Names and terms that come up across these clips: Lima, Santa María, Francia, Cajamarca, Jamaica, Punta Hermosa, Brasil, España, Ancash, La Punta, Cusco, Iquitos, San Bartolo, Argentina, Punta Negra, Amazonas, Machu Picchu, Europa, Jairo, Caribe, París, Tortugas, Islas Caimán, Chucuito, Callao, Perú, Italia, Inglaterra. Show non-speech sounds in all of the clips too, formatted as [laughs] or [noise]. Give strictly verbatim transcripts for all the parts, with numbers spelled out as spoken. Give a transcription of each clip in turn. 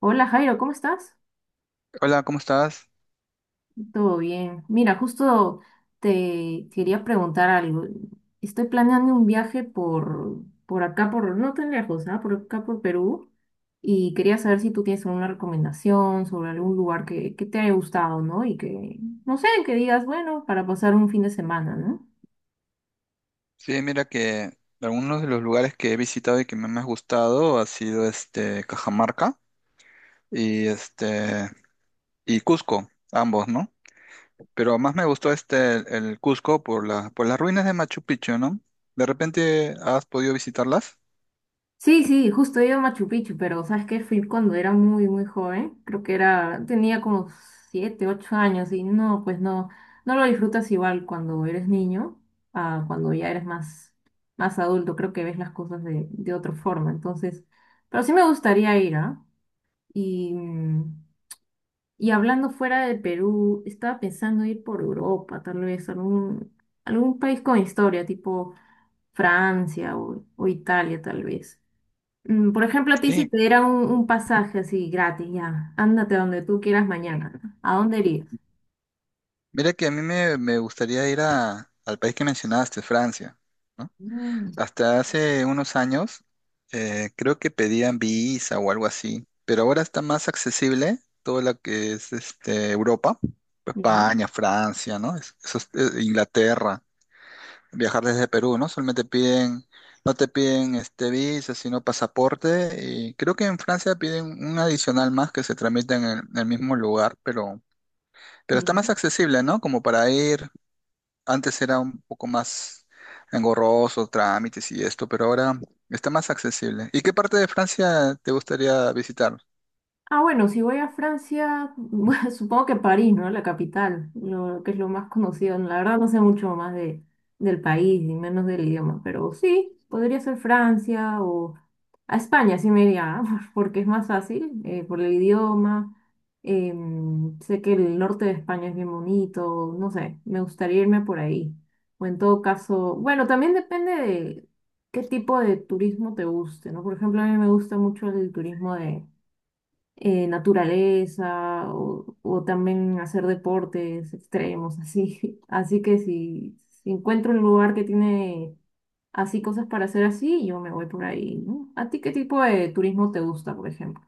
Hola Jairo, ¿cómo estás? Hola, ¿cómo estás? Todo bien. Mira, justo te quería preguntar algo. Estoy planeando un viaje por, por acá, por, no tan lejos, ¿ah? Por acá, por Perú. Y quería saber si tú tienes alguna recomendación sobre algún lugar que, que te haya gustado, ¿no? Y que, no sé, que digas, bueno, para pasar un fin de semana, ¿no? Sí, mira que algunos de los lugares que he visitado y que me han más gustado ha sido este Cajamarca y este y Cusco, ambos, ¿no? Pero más me gustó este el, el Cusco por la, por las ruinas de Machu Picchu, ¿no? ¿De repente has podido visitarlas? Sí, sí, justo he ido a Machu Picchu, pero ¿sabes qué? Fui cuando era muy, muy joven. Creo que era, tenía como siete, ocho años y no, pues no, no lo disfrutas igual cuando eres niño a cuando ya eres más, más adulto. Creo que ves las cosas de, de otra forma. Entonces, pero sí me gustaría ir, ¿ah? Y, mm, y hablando fuera de Perú, estaba pensando ir por Europa, tal vez algún, algún país con historia, tipo Francia o, o Italia, tal vez. Mm, Por ejemplo, a ti si Sí, te dieran un, un pasaje así gratis, ya, ándate donde tú quieras mañana. ¿No? ¿A dónde irías? mira que a mí me, me gustaría ir a, al país que mencionaste, Francia, ¿no? Mm, Hasta hace unos años eh, creo que pedían Visa o algo así, pero ahora está más accesible todo lo que es este, Europa, Ya. España, Francia, ¿no? Es- esos- eh, Inglaterra, viajar desde Perú, ¿no? Solamente piden, no te piden este Visa, sino pasaporte y creo que en Francia piden un adicional más que se tramita en el, en el mismo lugar, pero, pero está más Ya. accesible, ¿no? Como para ir. Antes era un poco más engorroso, trámites y esto, pero ahora está más accesible. ¿Y qué parte de Francia te gustaría visitar? Ah, bueno, si voy a Francia, [laughs] bueno, supongo que París, ¿no? La capital, lo que es lo más conocido. La verdad no sé mucho más de, del país y menos del idioma, pero sí, podría ser Francia o a España, sí me iría, [laughs] porque es más fácil eh, por el idioma. Em, sé que el norte de España es bien bonito, no sé, me gustaría irme por ahí. O en todo caso, bueno, también depende de qué tipo de turismo te guste, ¿no? Por ejemplo, a mí me gusta mucho el turismo de eh, naturaleza o, o también hacer deportes extremos, así. [laughs] Así que si, si encuentro un lugar que tiene así cosas para hacer así, yo me voy por ahí, ¿no? ¿A ti qué tipo de turismo te gusta, por ejemplo?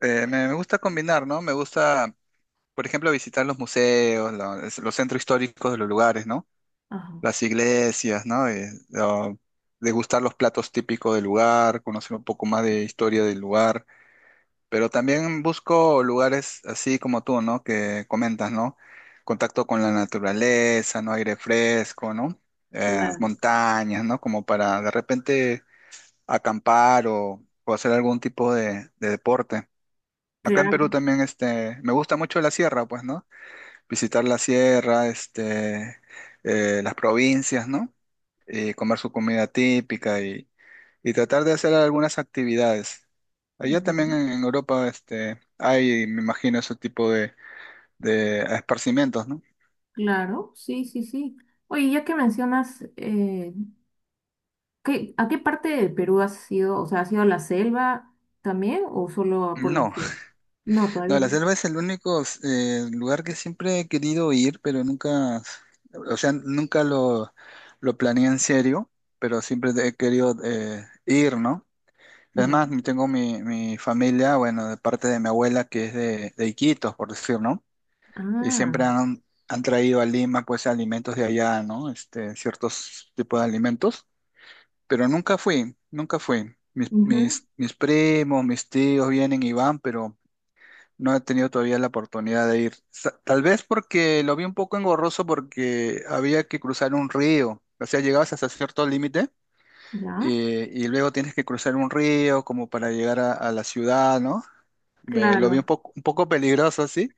Eh, me, me gusta combinar, ¿no? Me gusta, por ejemplo, visitar los museos, los, los centros históricos de los lugares, ¿no? Ajá. Las iglesias, ¿no? Eh, lo- degustar los platos típicos del lugar, conocer un poco más de historia del lugar. Pero también busco lugares así como tú, ¿no? Que comentas, ¿no? Contacto con la naturaleza, ¿no? Aire fresco, ¿no? Eh, Claro, montañas, ¿no? Como para de repente acampar o, o hacer algún tipo de, de deporte. Acá en Perú claro, también, este, me gusta mucho la sierra, pues, ¿no? Visitar la sierra, este, eh, las provincias, ¿no? Y comer su comida típica y, y tratar de hacer algunas actividades. Allá también ujú, en, en Europa este, hay, me imagino, ese tipo de, de esparcimientos, ¿no? claro, sí, sí, sí. Oye, ya que mencionas, eh, ¿qué- ¿a qué parte de Perú has ido? O sea, ¿has ido a la selva también o solo por la No, selva? [laughs] No, no, todavía la no. selva es el único eh, lugar que siempre he querido ir, pero nunca, o sea, nunca lo, lo planeé en serio, pero siempre he querido eh, ir, ¿no? Es Ya. más, tengo mi, mi familia, bueno, de parte de mi abuela que es de, de Iquitos, por decir, ¿no? Y Ah, siempre han, han traído a Lima, pues, alimentos de allá, ¿no? Este, ciertos tipos de alimentos, pero nunca fui, nunca fui. Mis, ujú. mis, mis primos, mis tíos vienen y van, pero no he tenido todavía la oportunidad de ir. Sa- Tal vez porque lo vi un poco engorroso porque había que cruzar un río, o sea, llegabas hasta cierto límite Ya, eh, y luego tienes que cruzar un río como para llegar a, a la ciudad, ¿no? Me, lo vi un claro, poco, un poco peligroso, así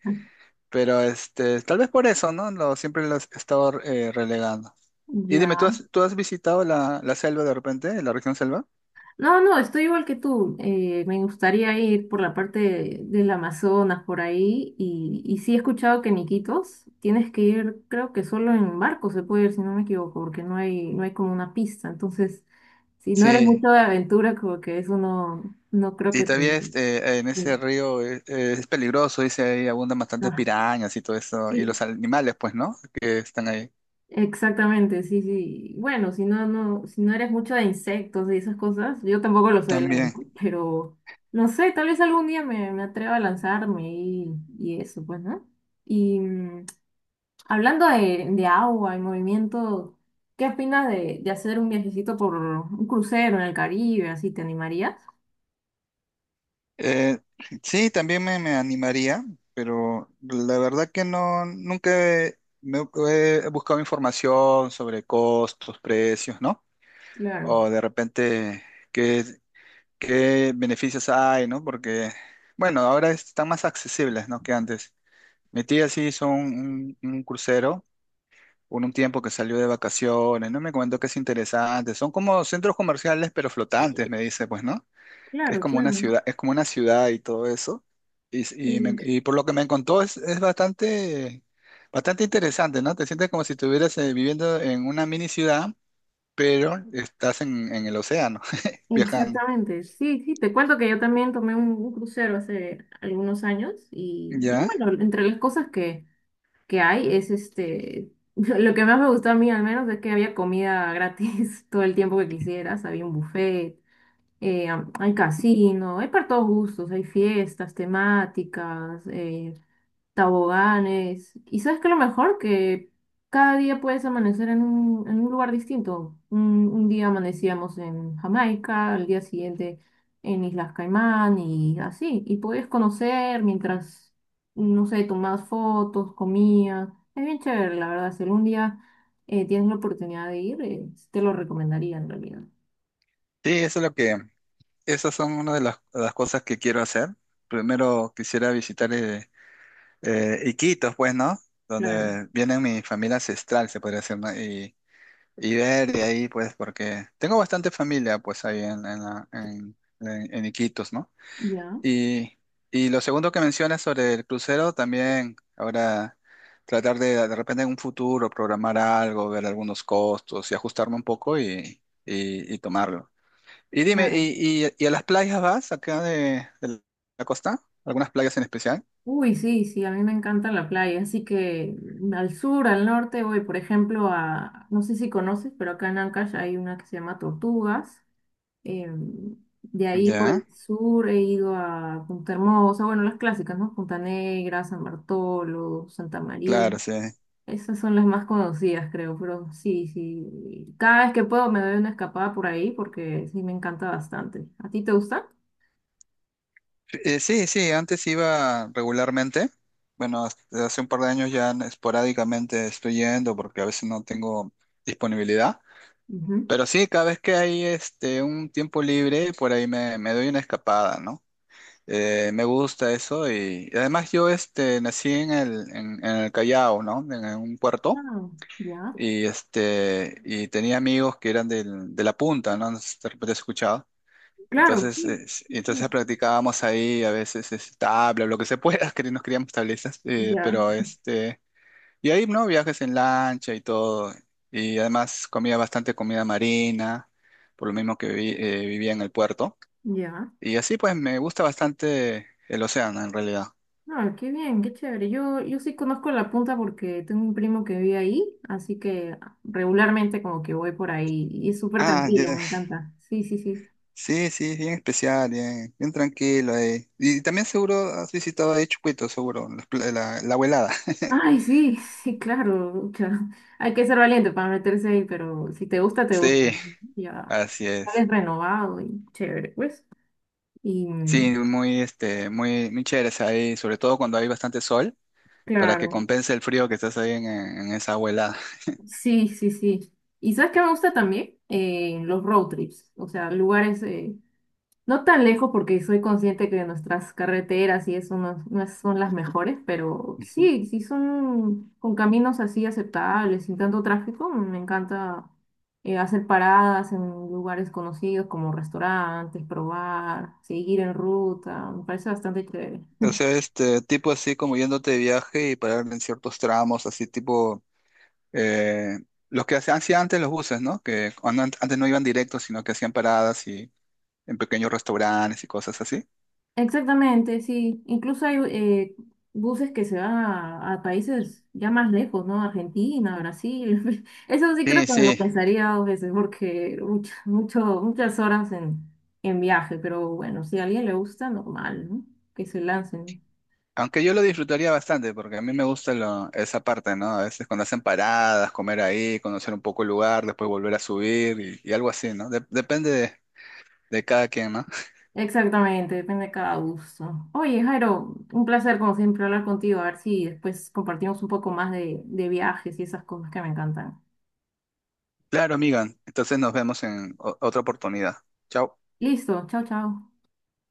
pero este, tal vez por eso, ¿no? Lo, siempre los he estado eh, relegando. Y dime, ¿tú ya. has, tú has visitado la, la selva de repente, la región selva? No, no, estoy igual que tú. Eh, me gustaría ir por la parte de- del Amazonas, por ahí. Y, y sí he escuchado que en Iquitos tienes que ir, creo que solo en barco se puede ir, si no me equivoco, porque no hay, no hay como una pista. Entonces, si no eres Sí. mucho de aventura, como que eso no, no creo Y que te... todavía este, en te- ese río eh, eh, es, peligroso, dice ahí abundan bastantes ah, pirañas y todo eso, y los sí. animales, pues, ¿no? Que están ahí Exactamente, sí, sí. Bueno, si no, no, si no eres mucho de insectos y esas cosas, yo tampoco lo soy, la verdad, también. pero no sé, tal vez algún día me, me atreva a lanzarme y, y eso, pues, ¿no? Y mm, hablando de, de agua y movimiento, ¿qué opinas de, de hacer un viajecito por un crucero en el Caribe? ¿Así te animarías? Eh, sí, también me, me animaría, pero la verdad que no, nunca he- me he buscado información sobre costos, precios, ¿no? Claro, O de repente... qué qué beneficios hay, ¿no? Porque, bueno, ahora están más accesibles, ¿no? Que antes. Mi tía sí hizo un, un- un crucero, un, un tiempo que salió de vacaciones, ¿no? Me comentó que es interesante. Son como centros comerciales, pero flotantes, me dice, pues, ¿no? Que es claro, como una claro. ciudad, es como una ciudad y todo eso. Y, y, me- y por lo que me contó es, es bastante, bastante interesante, ¿no? Te sientes como si estuvieras eh, viviendo en una mini ciudad, pero estás en, en el océano, [laughs] viajando, Exactamente, sí, sí, te cuento que yo también tomé un, un crucero hace algunos años y, y ¿ya? bueno, entre las cosas que, que hay es este, [laughs] lo que más me gustó a mí al menos es que había comida gratis [laughs] todo el tiempo que quisieras, había un buffet, eh, am- hay casino, hay para todos gustos, hay fiestas temáticas, eh, taboganes. Y sabes que lo mejor que cada día puedes amanecer en un, en un lugar distinto. Un, un día amanecíamos en Jamaica, al día siguiente en Islas Caimán y así. Y puedes conocer mientras, no sé, tomabas fotos, comías. Es bien chévere, la verdad. Si algún día eh, tienes la oportunidad de ir, eh, te lo recomendaría en realidad. Sí, eso es lo que, esas son una de las, las cosas que quiero hacer. Primero quisiera visitar eh, eh, Iquitos, pues, ¿no? Claro. Donde viene mi familia ancestral, se podría decir, ¿no? Y, y ver de ahí, pues, porque tengo bastante familia, pues, ahí en, en, la- en- en- en Iquitos, ¿no? Ya, Y, y lo segundo que mencionas sobre el crucero, también ahora tratar de, de repente en un futuro programar algo, ver algunos costos y ajustarme un poco y, y, y tomarlo. Y dime, claro. ¿y, y- y a las playas vas acá de, de la costa? ¿Algunas playas en especial? Uy, sí, sí, a mí me encanta la playa, así que al sur, al norte voy, por ejemplo, a, no sé si conoces, pero acá en Ancash hay una que se llama Tortugas. em, de ahí por Ya, el sur he ido a Punta Hermosa, bueno, las clásicas, ¿no? Punta Negra, San Bartolo, Santa María. claro, sí. Esas son las más conocidas, creo, pero sí, sí. Cada vez que puedo me doy una escapada por ahí porque sí me encanta bastante. ¿A ti te gusta? Eh, sí, sí, antes iba regularmente. Bueno, hasta hace un par de años ya esporádicamente estoy yendo porque a veces no tengo disponibilidad. Ujú. Pero sí, cada vez que hay este, un tiempo libre, por ahí me, me doy una escapada, ¿no? Eh, me gusta eso y, y además yo este, nací en el, en, en el Callao, ¿no? En, en un puerto. Ah, ya. Y, este, y tenía amigos que eran del- de la punta, ¿no? No sé si de repente has escuchado. Claro, Entonces, sí. Es- sí, sí. entonces practicábamos ahí a veces es, tabla, lo que se pueda, [laughs] que nos criamos tablizas, eh, Ya. pero este, y ahí, ¿no? Viajes en lancha y todo. Y además comía bastante comida marina, por lo mismo que vi- eh, vivía en el puerto. Ya. Y así pues me gusta bastante el océano en realidad. Ah, qué bien, qué chévere. Yo, yo sí conozco La Punta porque tengo un primo que vive ahí, así que regularmente como que voy por ahí y es súper Ah, tranquilo, ya. me encanta. Sí, sí, sí. Sí, sí, bien especial, bien, bien tranquilo. Eh. Y también seguro has visitado ahí Chucuito, seguro, las pla- la, la, abuelada. [laughs] Ay, sí, [laughs] sí, claro. Cha. Hay que ser valiente para meterse ahí, pero si te gusta, te gusta. Sí, Ya. así es. Sales renovado y chévere, pues. Y Sí, mm, muy, este, muy, muy chéveres ahí, sobre todo cuando hay bastante sol, para que claro, compense el frío que estás ahí en, en esa abuelada. sí, sí, sí. ¿Y sabes qué me gusta también? Eh, los road trips, o sea, lugares eh, no tan lejos porque soy consciente que nuestras carreteras y eso no, no son las mejores, pero Ujú. sí, sí son con caminos así aceptables, sin tanto tráfico. Me encanta eh, hacer paradas en lugares conocidos como restaurantes, probar, seguir en ruta. Me parece bastante chévere. O sea, este tipo así como yéndote de viaje y parar en ciertos tramos, así tipo eh, los que hacían hacían antes los buses, ¿no? Que cuando an- antes no iban directos, sino que hacían paradas y en pequeños restaurantes y cosas así. Exactamente, sí. Incluso hay eh, buses que se van a, a países ya más lejos, ¿no? Argentina, Brasil. [laughs] Eso sí creo Sí, que me lo sí. pensaría dos veces porque mucha- mucho, muchas horas en, en viaje, pero bueno, si a alguien le gusta, normal, ¿no? Que se lancen. Aunque yo lo disfrutaría bastante, porque a mí me gusta lo- esa parte, ¿no? A veces cuando hacen paradas, comer ahí, conocer un poco el lugar, después volver a subir y, y algo así, ¿no? De- depende de, de cada quien, ¿no? Exactamente, depende de cada gusto. Oye, Jairo, un placer como siempre hablar contigo, a ver si después compartimos un poco más de, de viajes y esas cosas que me encantan. Claro, amiga. Entonces nos vemos en o- otra oportunidad. Chao. Listo, chao, chao.